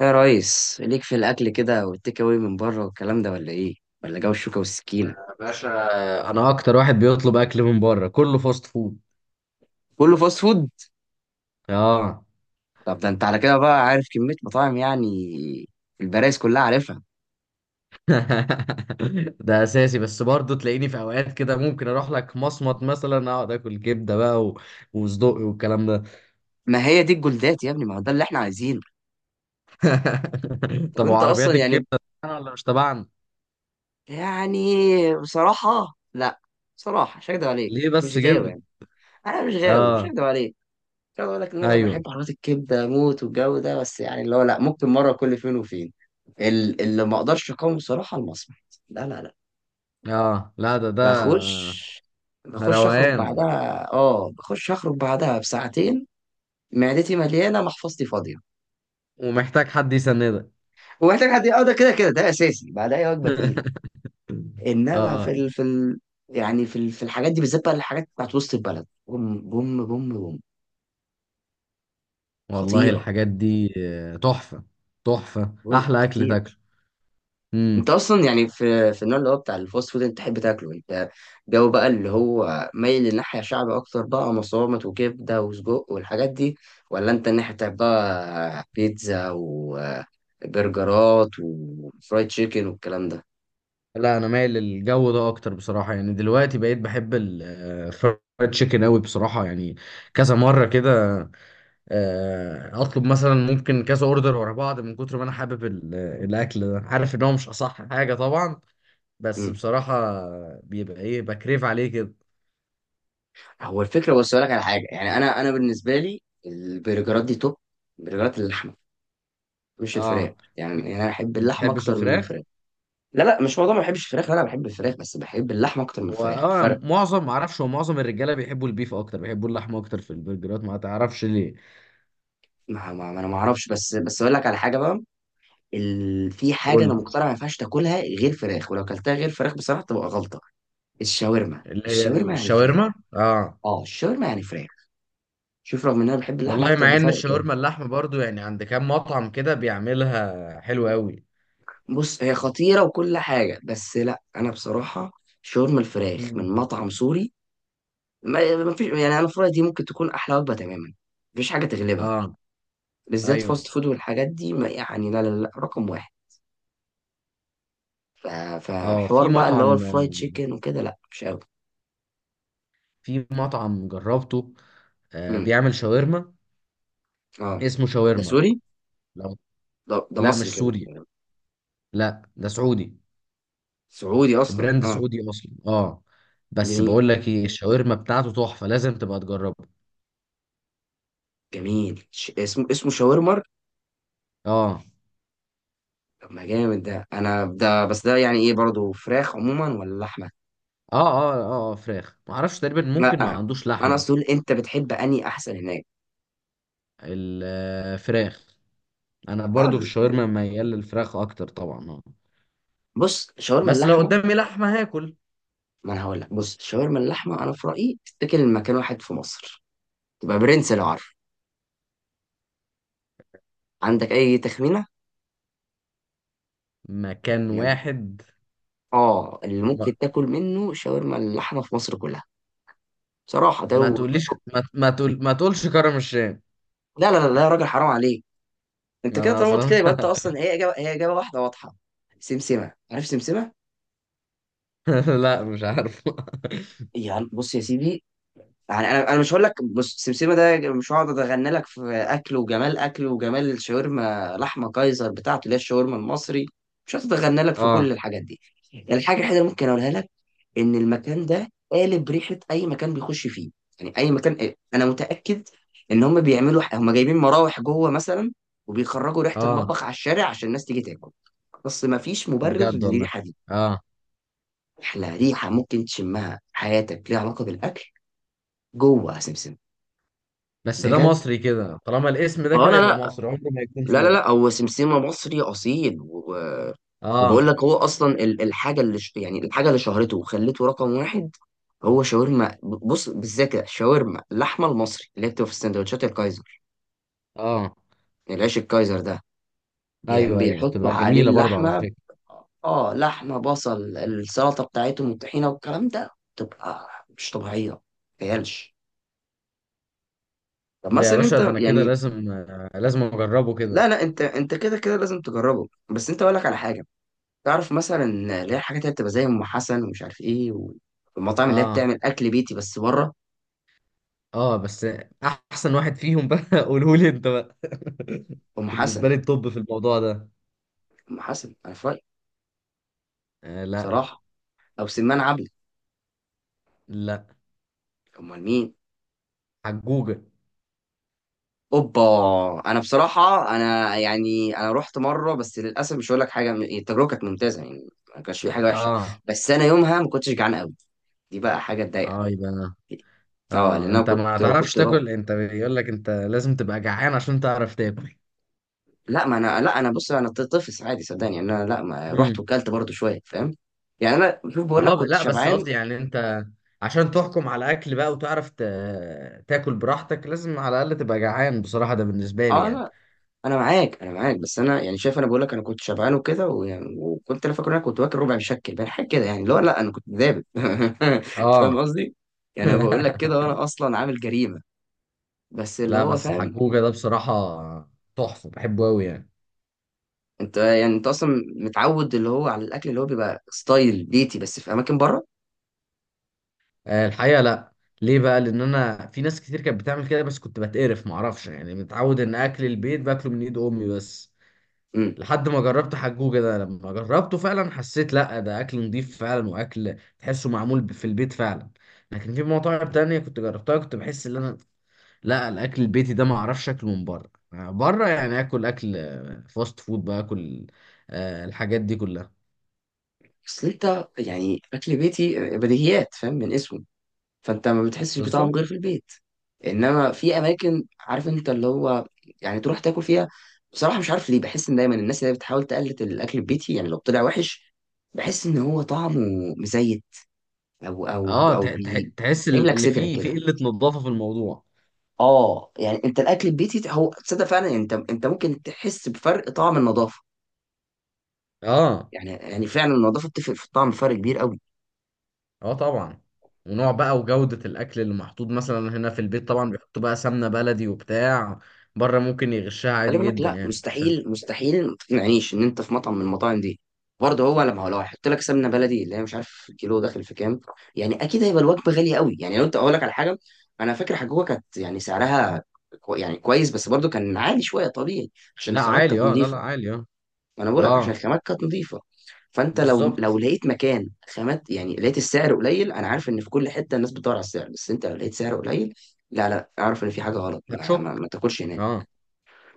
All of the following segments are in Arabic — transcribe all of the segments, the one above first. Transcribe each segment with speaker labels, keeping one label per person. Speaker 1: ايه يا ريس ليك في الاكل كده والتيك اواي من بره والكلام ده ولا ايه ولا جو الشوكه والسكينه؟
Speaker 2: باشا. انا اكتر واحد بيطلب اكل من بره، كله فاست فود.
Speaker 1: كله فاست فود.
Speaker 2: اه
Speaker 1: طب ده انت على كده بقى عارف كميه مطاعم يعني، البرايس كلها عارفها.
Speaker 2: ده اساسي، بس برضه تلاقيني في اوقات كده، ممكن اروح لك مصمت مثلا، اقعد اكل كبده بقى وصدق والكلام ده.
Speaker 1: ما هي دي الجولدات يا ابني، ما هو ده اللي احنا عايزينه. طب
Speaker 2: طب
Speaker 1: انت
Speaker 2: وعربيات
Speaker 1: اصلا يعني،
Speaker 2: الكبده، تبعنا ولا مش تبعنا؟
Speaker 1: يعني بصراحه لا، بصراحه مش هكدب عليك
Speaker 2: ليه
Speaker 1: مش
Speaker 2: بس
Speaker 1: غاوي
Speaker 2: كده؟
Speaker 1: يعني. انا مش غاوي مش
Speaker 2: اه،
Speaker 1: هكدب عليك. مش هقدر اقول لك ان انا بقى
Speaker 2: ايوه.
Speaker 1: بحب حلويات الكبده موت والجو ده، بس يعني اللي هو لا، ممكن مره كل فين وفين. اللي ما اقدرش اقاوم بصراحه المصمت. لا لا لا.
Speaker 2: اه، لا. ده
Speaker 1: بخش، بخش اخرج
Speaker 2: روقان،
Speaker 1: بعدها، اه بخش اخرج بعدها بساعتين. معدتي مليانه، محفظتي فاضيه،
Speaker 2: ومحتاج حد يسندك.
Speaker 1: ومحتاج حد. اه ده كده كده ده اساسي بعدها، هي وجبه تقيله. انما
Speaker 2: اه،
Speaker 1: يعني في الحاجات دي بالذات بقى، الحاجات بتاعت وسط البلد، بوم بوم بوم بوم.
Speaker 2: والله
Speaker 1: خطيره،
Speaker 2: الحاجات دي تحفه. تحفه،
Speaker 1: بقول لك
Speaker 2: احلى اكل
Speaker 1: خطيره.
Speaker 2: تاكله.
Speaker 1: انت
Speaker 2: امم.
Speaker 1: اصلا يعني، في النوع اللي هو بتاع الفاست فود انت تحب تاكله انت، جو بقى اللي هو مايل للناحيه شعبي اكتر بقى، مصامت وكبده وسجق والحاجات دي، ولا انت الناحيه بتاعت بقى بيتزا وبرجرات وفرايد تشيكن والكلام ده؟
Speaker 2: لا، انا مايل للجو ده اكتر بصراحه، يعني دلوقتي بقيت بحب الفرايد تشيكن قوي بصراحه يعني. كذا مره كده. اطلب مثلا ممكن كذا اوردر ورا بعض من كتر ما انا حابب الاكل ده. عارف ان هو مش اصح حاجه طبعا، بس
Speaker 1: مم.
Speaker 2: بصراحه بيبقى ايه بكريف عليه كده.
Speaker 1: هو الفكره، بص اقول لك على حاجه، يعني انا بالنسبه لي البرجرات دي توب. برجرات اللحمه مش الفراخ،
Speaker 2: اه.
Speaker 1: يعني
Speaker 2: بي-
Speaker 1: يعني انا احب
Speaker 2: ما
Speaker 1: اللحمه
Speaker 2: بتحبش
Speaker 1: اكتر من
Speaker 2: الفراخ؟
Speaker 1: الفراخ. لا لا، مش موضوع ما بحبش الفراخ، لا انا بحب الفراخ بس بحب اللحمه اكتر من الفراخ.
Speaker 2: واه، معظم، ما اعرفش، هو معظم الرجاله بيحبوا البيف اكتر، بيحبوا اللحمه اكتر في البرجرات، ما تعرفش ليه؟
Speaker 1: ما انا ما اعرفش، بس اقول لك على حاجه بقى. في حاجه انا
Speaker 2: قول.
Speaker 1: مقتنع ما ينفعش تاكلها غير فراخ، ولو اكلتها غير فراخ بصراحه تبقى غلطه. الشاورما
Speaker 2: اللي هي
Speaker 1: الشاورما يعني فراخ.
Speaker 2: الشاورما، اه.
Speaker 1: اه الشاورما يعني فراخ. شوف، رغم ان انا بحب اللحمه
Speaker 2: والله
Speaker 1: اكتر
Speaker 2: مع ان
Speaker 1: بفرق كام،
Speaker 2: الشاورما اللحمه برضو يعني، عند كام مطعم كده بيعملها حلو قوي.
Speaker 1: بص هي خطيره وكل حاجه، بس لا انا بصراحه شاورما الفراخ من
Speaker 2: مم.
Speaker 1: مطعم سوري، ما فيش، يعني انا في رأيي دي ممكن تكون احلى وجبه تماما، مفيش حاجه تغلبها،
Speaker 2: اه،
Speaker 1: بالذات
Speaker 2: ايوه.
Speaker 1: فاست فود والحاجات دي، ما يعني لا لا لا، رقم واحد. ف...
Speaker 2: اه،
Speaker 1: فحوار
Speaker 2: في
Speaker 1: بقى اللي هو
Speaker 2: مطعم
Speaker 1: الفرايد تشيكن وكده لا مش قوي.
Speaker 2: في مطعم جربته، بيعمل شاورما،
Speaker 1: اه
Speaker 2: اسمه
Speaker 1: ده
Speaker 2: شاورمر.
Speaker 1: سوري،
Speaker 2: لو.
Speaker 1: ده ده
Speaker 2: لا، مش
Speaker 1: مصري كده.
Speaker 2: سوري. لا، ده سعودي.
Speaker 1: سعودي اصلا
Speaker 2: براند
Speaker 1: اه.
Speaker 2: سعودي اصلا، اه. بس
Speaker 1: جميل
Speaker 2: بقول لك ايه، الشاورما بتاعته تحفه، لازم تبقى تجربها.
Speaker 1: جميل، اسمه اسمه شاورما.
Speaker 2: اه،
Speaker 1: طب ما جامد ده، انا ده بس ده يعني ايه برضه، فراخ عموما ولا لحمه؟
Speaker 2: اه، اه، اه، آه، فراخ، ما اعرفش. تقريبا ممكن ما
Speaker 1: لا
Speaker 2: عندوش
Speaker 1: انا
Speaker 2: لحمه
Speaker 1: اصل
Speaker 2: اصلا.
Speaker 1: أقول انت بتحب اني احسن هناك.
Speaker 2: الفراخ. انا
Speaker 1: اه
Speaker 2: برضو في الشاورما ميال للفراخ اكتر طبعا، اه.
Speaker 1: بص شاورما
Speaker 2: بس لو
Speaker 1: اللحمه،
Speaker 2: قدامي لحمه هاكل.
Speaker 1: ما انا هقول لك، بص شاورما اللحمه انا في رايي تتاكل مكان واحد في مصر، تبقى برنس لو عارف، عندك اي تخمينه
Speaker 2: مكان
Speaker 1: يعني؟
Speaker 2: واحد؟
Speaker 1: اه اللي
Speaker 2: ما,
Speaker 1: ممكن تاكل منه شاورما اللحمه في مصر كلها بصراحه ده،
Speaker 2: ما
Speaker 1: ويبقى
Speaker 2: تقوليش ما, ما تقول ما تقولش كرم الشام.
Speaker 1: لا لا لا لا يا راجل حرام عليك. انت كده
Speaker 2: انا
Speaker 1: طالما قلت كده
Speaker 2: اصلا.
Speaker 1: يبقى انت اصلا، هي اجابه، هي اجابه واحده واضحه. سمسمه، عارف سمسمه؟
Speaker 2: لا، مش عارف.
Speaker 1: يعني بص يا سيدي، يعني انا مش هقول لك بص سمسمه ده، مش هقعد اتغنى لك في اكله وجمال اكله وجمال الشاورما لحمه كايزر بتاعته اللي هي الشاورما المصري، مش هقعد اتغنى لك في كل
Speaker 2: اه،
Speaker 1: الحاجات دي. يعني الحاجه الوحيده اللي ممكن اقولها لك ان المكان ده قالب ريحه اي مكان بيخش فيه. يعني اي مكان، انا متاكد ان هم بيعملوا، هم جايبين مراوح جوه مثلا وبيخرجوا ريحه
Speaker 2: اه،
Speaker 1: المطبخ على الشارع عشان الناس تيجي تاكل، بس مفيش مبرر
Speaker 2: بجد والله.
Speaker 1: للريحه دي.
Speaker 2: اه،
Speaker 1: احلى ريحه ممكن تشمها في حياتك ليها علاقه بالاكل جوه سمسم.
Speaker 2: بس ده
Speaker 1: بجد.
Speaker 2: مصري كده، طالما الاسم ده
Speaker 1: اه
Speaker 2: كده
Speaker 1: لا
Speaker 2: يبقى
Speaker 1: لا.
Speaker 2: مصري، عمره ما يكون
Speaker 1: لا لا
Speaker 2: سوري.
Speaker 1: لا هو سمسمة مصري أصيل و... وبقول
Speaker 2: اه،
Speaker 1: لك هو أصلا الحاجة اللي يعني الحاجة اللي شهرته وخلته رقم واحد، هو شاورما، بص بالذات كده، شاورما اللحمة المصري اللي هي بتبقى في السندوتشات الكايزر،
Speaker 2: اه،
Speaker 1: العيش الكايزر ده، يعني
Speaker 2: ايوه، ايوه،
Speaker 1: بيحطوا
Speaker 2: بتبقى
Speaker 1: عليه
Speaker 2: جميله برضو على
Speaker 1: اللحمة.
Speaker 2: فكره.
Speaker 1: اه لحمة، بصل، السلطة بتاعتهم والطحينة والكلام ده، تبقى مش طبيعية، متخيلش. طب
Speaker 2: ده يا
Speaker 1: مثلا
Speaker 2: باشا، ده
Speaker 1: انت
Speaker 2: انا كده
Speaker 1: يعني،
Speaker 2: لازم اجربه كده.
Speaker 1: لا لا انت انت كده كده لازم تجربه، بس انت اقول لك على حاجة، تعرف مثلا اللي هي الحاجات اللي بتبقى زي ام حسن ومش عارف ايه، والمطاعم اللي هي
Speaker 2: اه،
Speaker 1: بتعمل اكل بيتي بس بره؟
Speaker 2: اه، بس احسن واحد فيهم بقى؟ قوله لي انت بقى.
Speaker 1: ام
Speaker 2: بالنسبه
Speaker 1: حسن،
Speaker 2: لي الطب في الموضوع ده.
Speaker 1: ام حسن انا في رايي
Speaker 2: آه، لا،
Speaker 1: بصراحه، او سمان عبلة.
Speaker 2: لا.
Speaker 1: امال مين؟
Speaker 2: حجوجه.
Speaker 1: اوبا. انا بصراحه انا يعني انا رحت مره، بس للاسف مش هقول لك حاجه، التجربه كانت ممتازه يعني، ما كانش في حاجه وحشه،
Speaker 2: اه،
Speaker 1: بس انا يومها ما كنتش جعان قوي، دي بقى حاجه تضايق.
Speaker 2: اه، يبقى
Speaker 1: اه
Speaker 2: اه،
Speaker 1: لان انا
Speaker 2: انت ما
Speaker 1: كنت
Speaker 2: تعرفش
Speaker 1: كنت
Speaker 2: تاكل انت، بيقول لك انت لازم تبقى جعان عشان تعرف تاكل.
Speaker 1: لا ما انا، لا انا بص، انا طفل عادي صدقني، يعني انا لا ما رحت
Speaker 2: امم.
Speaker 1: وكلت برضو شويه فاهم، يعني انا شوف بقول لك
Speaker 2: اه،
Speaker 1: كنت
Speaker 2: لا، بس
Speaker 1: شبعان.
Speaker 2: قصدي يعني انت، عشان تحكم على اكل بقى وتعرف تاكل براحتك، لازم على الاقل تبقى جعان بصراحه، ده بالنسبه لي
Speaker 1: اه
Speaker 2: يعني.
Speaker 1: لا انا معاك، انا معاك، بس انا يعني شايف، انا بقول لك انا كنت شبعان وكده، ويعني وكنت انا فاكر إن انا كنت واكل ربع مشكل بقى حاجه كده، يعني لا لا انا كنت دابب
Speaker 2: اه.
Speaker 1: فاهم قصدي؟ يعني انا بقول لك كده وانا اصلا عامل جريمه، بس اللي
Speaker 2: لا،
Speaker 1: هو
Speaker 2: بس
Speaker 1: فاهم.
Speaker 2: حجوجه ده بصراحه تحفه، بحبه قوي يعني.
Speaker 1: انت يعني انت اصلا متعود اللي هو على الاكل اللي هو بيبقى ستايل بيتي بس في اماكن بره.
Speaker 2: الحقيقة لا. ليه بقى؟ لان انا في ناس كتير كانت بتعمل كده، بس كنت بتقرف، معرفش يعني، متعود ان اكل البيت باكله من ايد امي بس.
Speaker 1: امم.
Speaker 2: لحد ما جربت حجوجة ده، لما جربته فعلا حسيت لا ده اكل نضيف فعلا، واكل تحسه معمول في البيت فعلا. لكن في مطاعم تانية كنت جربتها كنت بحس ان انا، لا، الاكل البيتي ده معرفش اكله من بره. بره يعني اكل، فاست فود بقى اكل آه، الحاجات دي كلها.
Speaker 1: اصل انت يعني اكل بيتي بديهيات، فاهم من اسمه، فانت ما بتحسش بطعم
Speaker 2: بالظبط.
Speaker 1: غير في البيت. انما في اماكن، عارف انت اللي هو يعني تروح تاكل فيها، بصراحه مش عارف ليه بحس ان دايما الناس اللي هي بتحاول تقلد الاكل البيتي، يعني لو طلع وحش بحس ان هو طعمه مزيت، او
Speaker 2: اه، تحس
Speaker 1: بيتعمل لك
Speaker 2: اللي
Speaker 1: صدرك
Speaker 2: فيه، في
Speaker 1: كده.
Speaker 2: قلة نظافة في الموضوع.
Speaker 1: اه يعني انت الاكل البيتي هو، تصدق فعلا انت انت ممكن تحس بفرق طعم النظافه،
Speaker 2: اه،
Speaker 1: يعني يعني فعلا النظافه بتفرق في الطعم فرق كبير قوي.
Speaker 2: اه، طبعا. ونوع بقى وجودة الأكل اللي محطوط مثلا هنا في البيت، طبعا بيحطوا بقى سمنة بلدي وبتاع. بره ممكن يغشها
Speaker 1: خلي
Speaker 2: عادي
Speaker 1: بالك،
Speaker 2: جدا
Speaker 1: لا
Speaker 2: يعني عشان.
Speaker 1: مستحيل، مستحيل ما تقنعنيش ان انت في مطعم من المطاعم دي برضه هو، لما هو لو هيحط لك سمنه بلدي اللي هي مش عارف الكيلو داخل في كام، يعني اكيد هيبقى الوجبه غاليه قوي، يعني لو انت اقول لك على حاجه انا فاكر حجوجه كانت يعني سعرها كو يعني كويس، بس برضه كان عالي شويه طبيعي عشان
Speaker 2: لا،
Speaker 1: الخامات
Speaker 2: عالي،
Speaker 1: كانت
Speaker 2: اه، لا، لا،
Speaker 1: نظيفه.
Speaker 2: عالي، اه.
Speaker 1: انا بقول لك عشان
Speaker 2: اه،
Speaker 1: الخامات كانت نظيفه، فانت لو
Speaker 2: بالظبط،
Speaker 1: لقيت مكان خامات يعني لقيت السعر قليل، انا عارف ان في كل حته الناس بتدور على السعر، بس انت لو لقيت سعر قليل لا، لا اعرف ان في حاجه غلط،
Speaker 2: هتشك.
Speaker 1: ما تاكلش هناك.
Speaker 2: اه،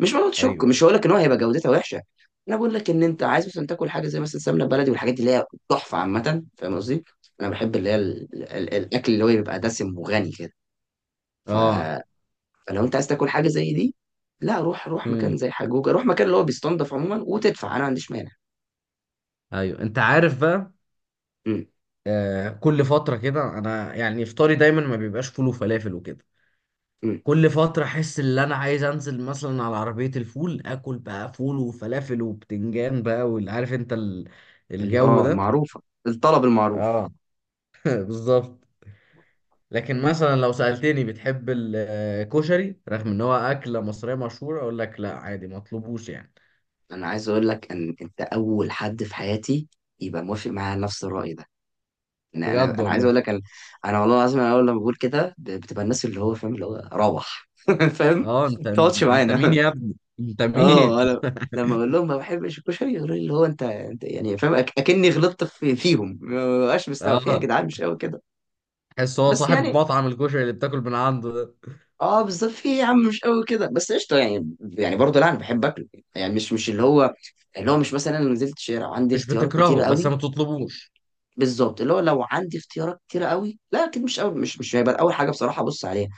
Speaker 1: مش موضوع شك،
Speaker 2: ايوه،
Speaker 1: مش
Speaker 2: ايوه.
Speaker 1: هقول لك ان هو هيبقى جودتها وحشه، انا بقول لك ان انت عايز مثلا تاكل حاجه زي مثلا سمنه بلدي والحاجات دي اللي هي تحفه عامه، فاهم قصدي. انا بحب اللي هي الاكل اللي هو بيبقى دسم وغني كده، ف...
Speaker 2: اه،
Speaker 1: فلو انت عايز تاكل حاجه زي دي لا روح، روح مكان
Speaker 2: امم،
Speaker 1: زي حجوجه، روح مكان اللي هو بيستنضف عموما وتدفع، انا ما عنديش مانع.
Speaker 2: ايوه، انت عارف بقى.
Speaker 1: امم.
Speaker 2: كل فترة كده انا يعني افطاري دايما ما بيبقاش فول وفلافل وكده.
Speaker 1: امم.
Speaker 2: كل فترة احس ان انا عايز انزل مثلا على عربية الفول، اكل بقى فول وفلافل وبتنجان بقى، واللي عارف انت الجو
Speaker 1: اه
Speaker 2: ده.
Speaker 1: المعروفه، الطلب المعروف.
Speaker 2: اه. بالظبط. لكن مثلا لو سألتني بتحب الكشري، رغم ان هو أكلة مصرية مشهورة، اقول لك لا، عادي ما اطلبوش يعني.
Speaker 1: انا عايز اقول لك ان انت اول حد في حياتي يبقى موافق معايا على نفس الراي ده، إن انا
Speaker 2: بجد
Speaker 1: انا عايز
Speaker 2: والله.
Speaker 1: اقول لك، انا انا والله العظيم انا اول لما بقول كده بتبقى الناس اللي هو فاهم اللي هو روح فاهم
Speaker 2: اه،
Speaker 1: ما
Speaker 2: انت
Speaker 1: تقعدش
Speaker 2: انت مين
Speaker 1: معانا.
Speaker 2: يا ابني؟ انت
Speaker 1: اه
Speaker 2: مين؟
Speaker 1: انا لما اقول لهم ما بحبش الكشري يقولوا لي اللي هو انت انت يعني فاهم، اكني غلطت في فيهم، ما بقاش مستوعب فيها يا
Speaker 2: اه،
Speaker 1: جدعان، مش قوي كده،
Speaker 2: تحس هو
Speaker 1: بس
Speaker 2: صاحب
Speaker 1: يعني
Speaker 2: مطعم الكشري اللي بتاكل من عنده ده.
Speaker 1: اه بالظبط، في إيه يا عم مش قوي كده، بس قشطه يعني، يعني برضه لا انا بحب اكله يعني، مش اللي هو، اللي هو مش مثلا انا نزلت شارع عندي
Speaker 2: مش
Speaker 1: اختيارات كتيره
Speaker 2: بتكرهه، بس
Speaker 1: قوي.
Speaker 2: ما تطلبوش.
Speaker 1: بالظبط اللي هو لو عندي اختيارات كتيرة قوي لا اكيد مش أول، مش هيبقى اول حاجة بصراحة ابص عليها،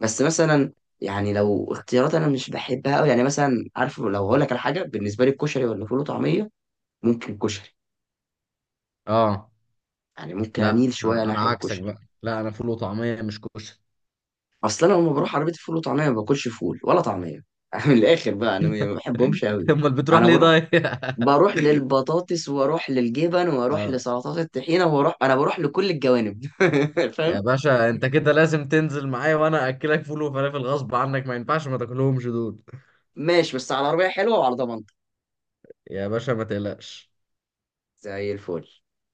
Speaker 1: بس مثلا يعني لو اختيارات انا مش بحبها قوي، يعني مثلا عارف لو هقول لك على حاجة بالنسبة لي الكشري ولا فول وطعمية، ممكن الكشري،
Speaker 2: اه،
Speaker 1: يعني ممكن
Speaker 2: لا،
Speaker 1: اميل شوية
Speaker 2: انا
Speaker 1: ناحية
Speaker 2: عكسك
Speaker 1: الكشري.
Speaker 2: بقى. لا، انا فول وطعمية، مش كشري.
Speaker 1: اصل انا لما بروح عربية فول وطعمية ما باكلش فول ولا طعمية من الاخر بقى انا ما بحبهمش قوي.
Speaker 2: امال بتروح
Speaker 1: انا
Speaker 2: ليه
Speaker 1: بروح
Speaker 2: طيب؟
Speaker 1: بروح للبطاطس واروح للجبن واروح
Speaker 2: اه
Speaker 1: لسلطات الطحينة واروح، انا بروح لكل الجوانب
Speaker 2: يا
Speaker 1: فاهم.
Speaker 2: باشا، انت كده لازم تنزل معايا، وانا اكلك فول وفلافل غصب عنك، ما ينفعش ما تاكلهمش دول.
Speaker 1: ماشي، بس على عربية حلوة وعلى ضمان.
Speaker 2: يا باشا ما تقلقش.
Speaker 1: زي الفل.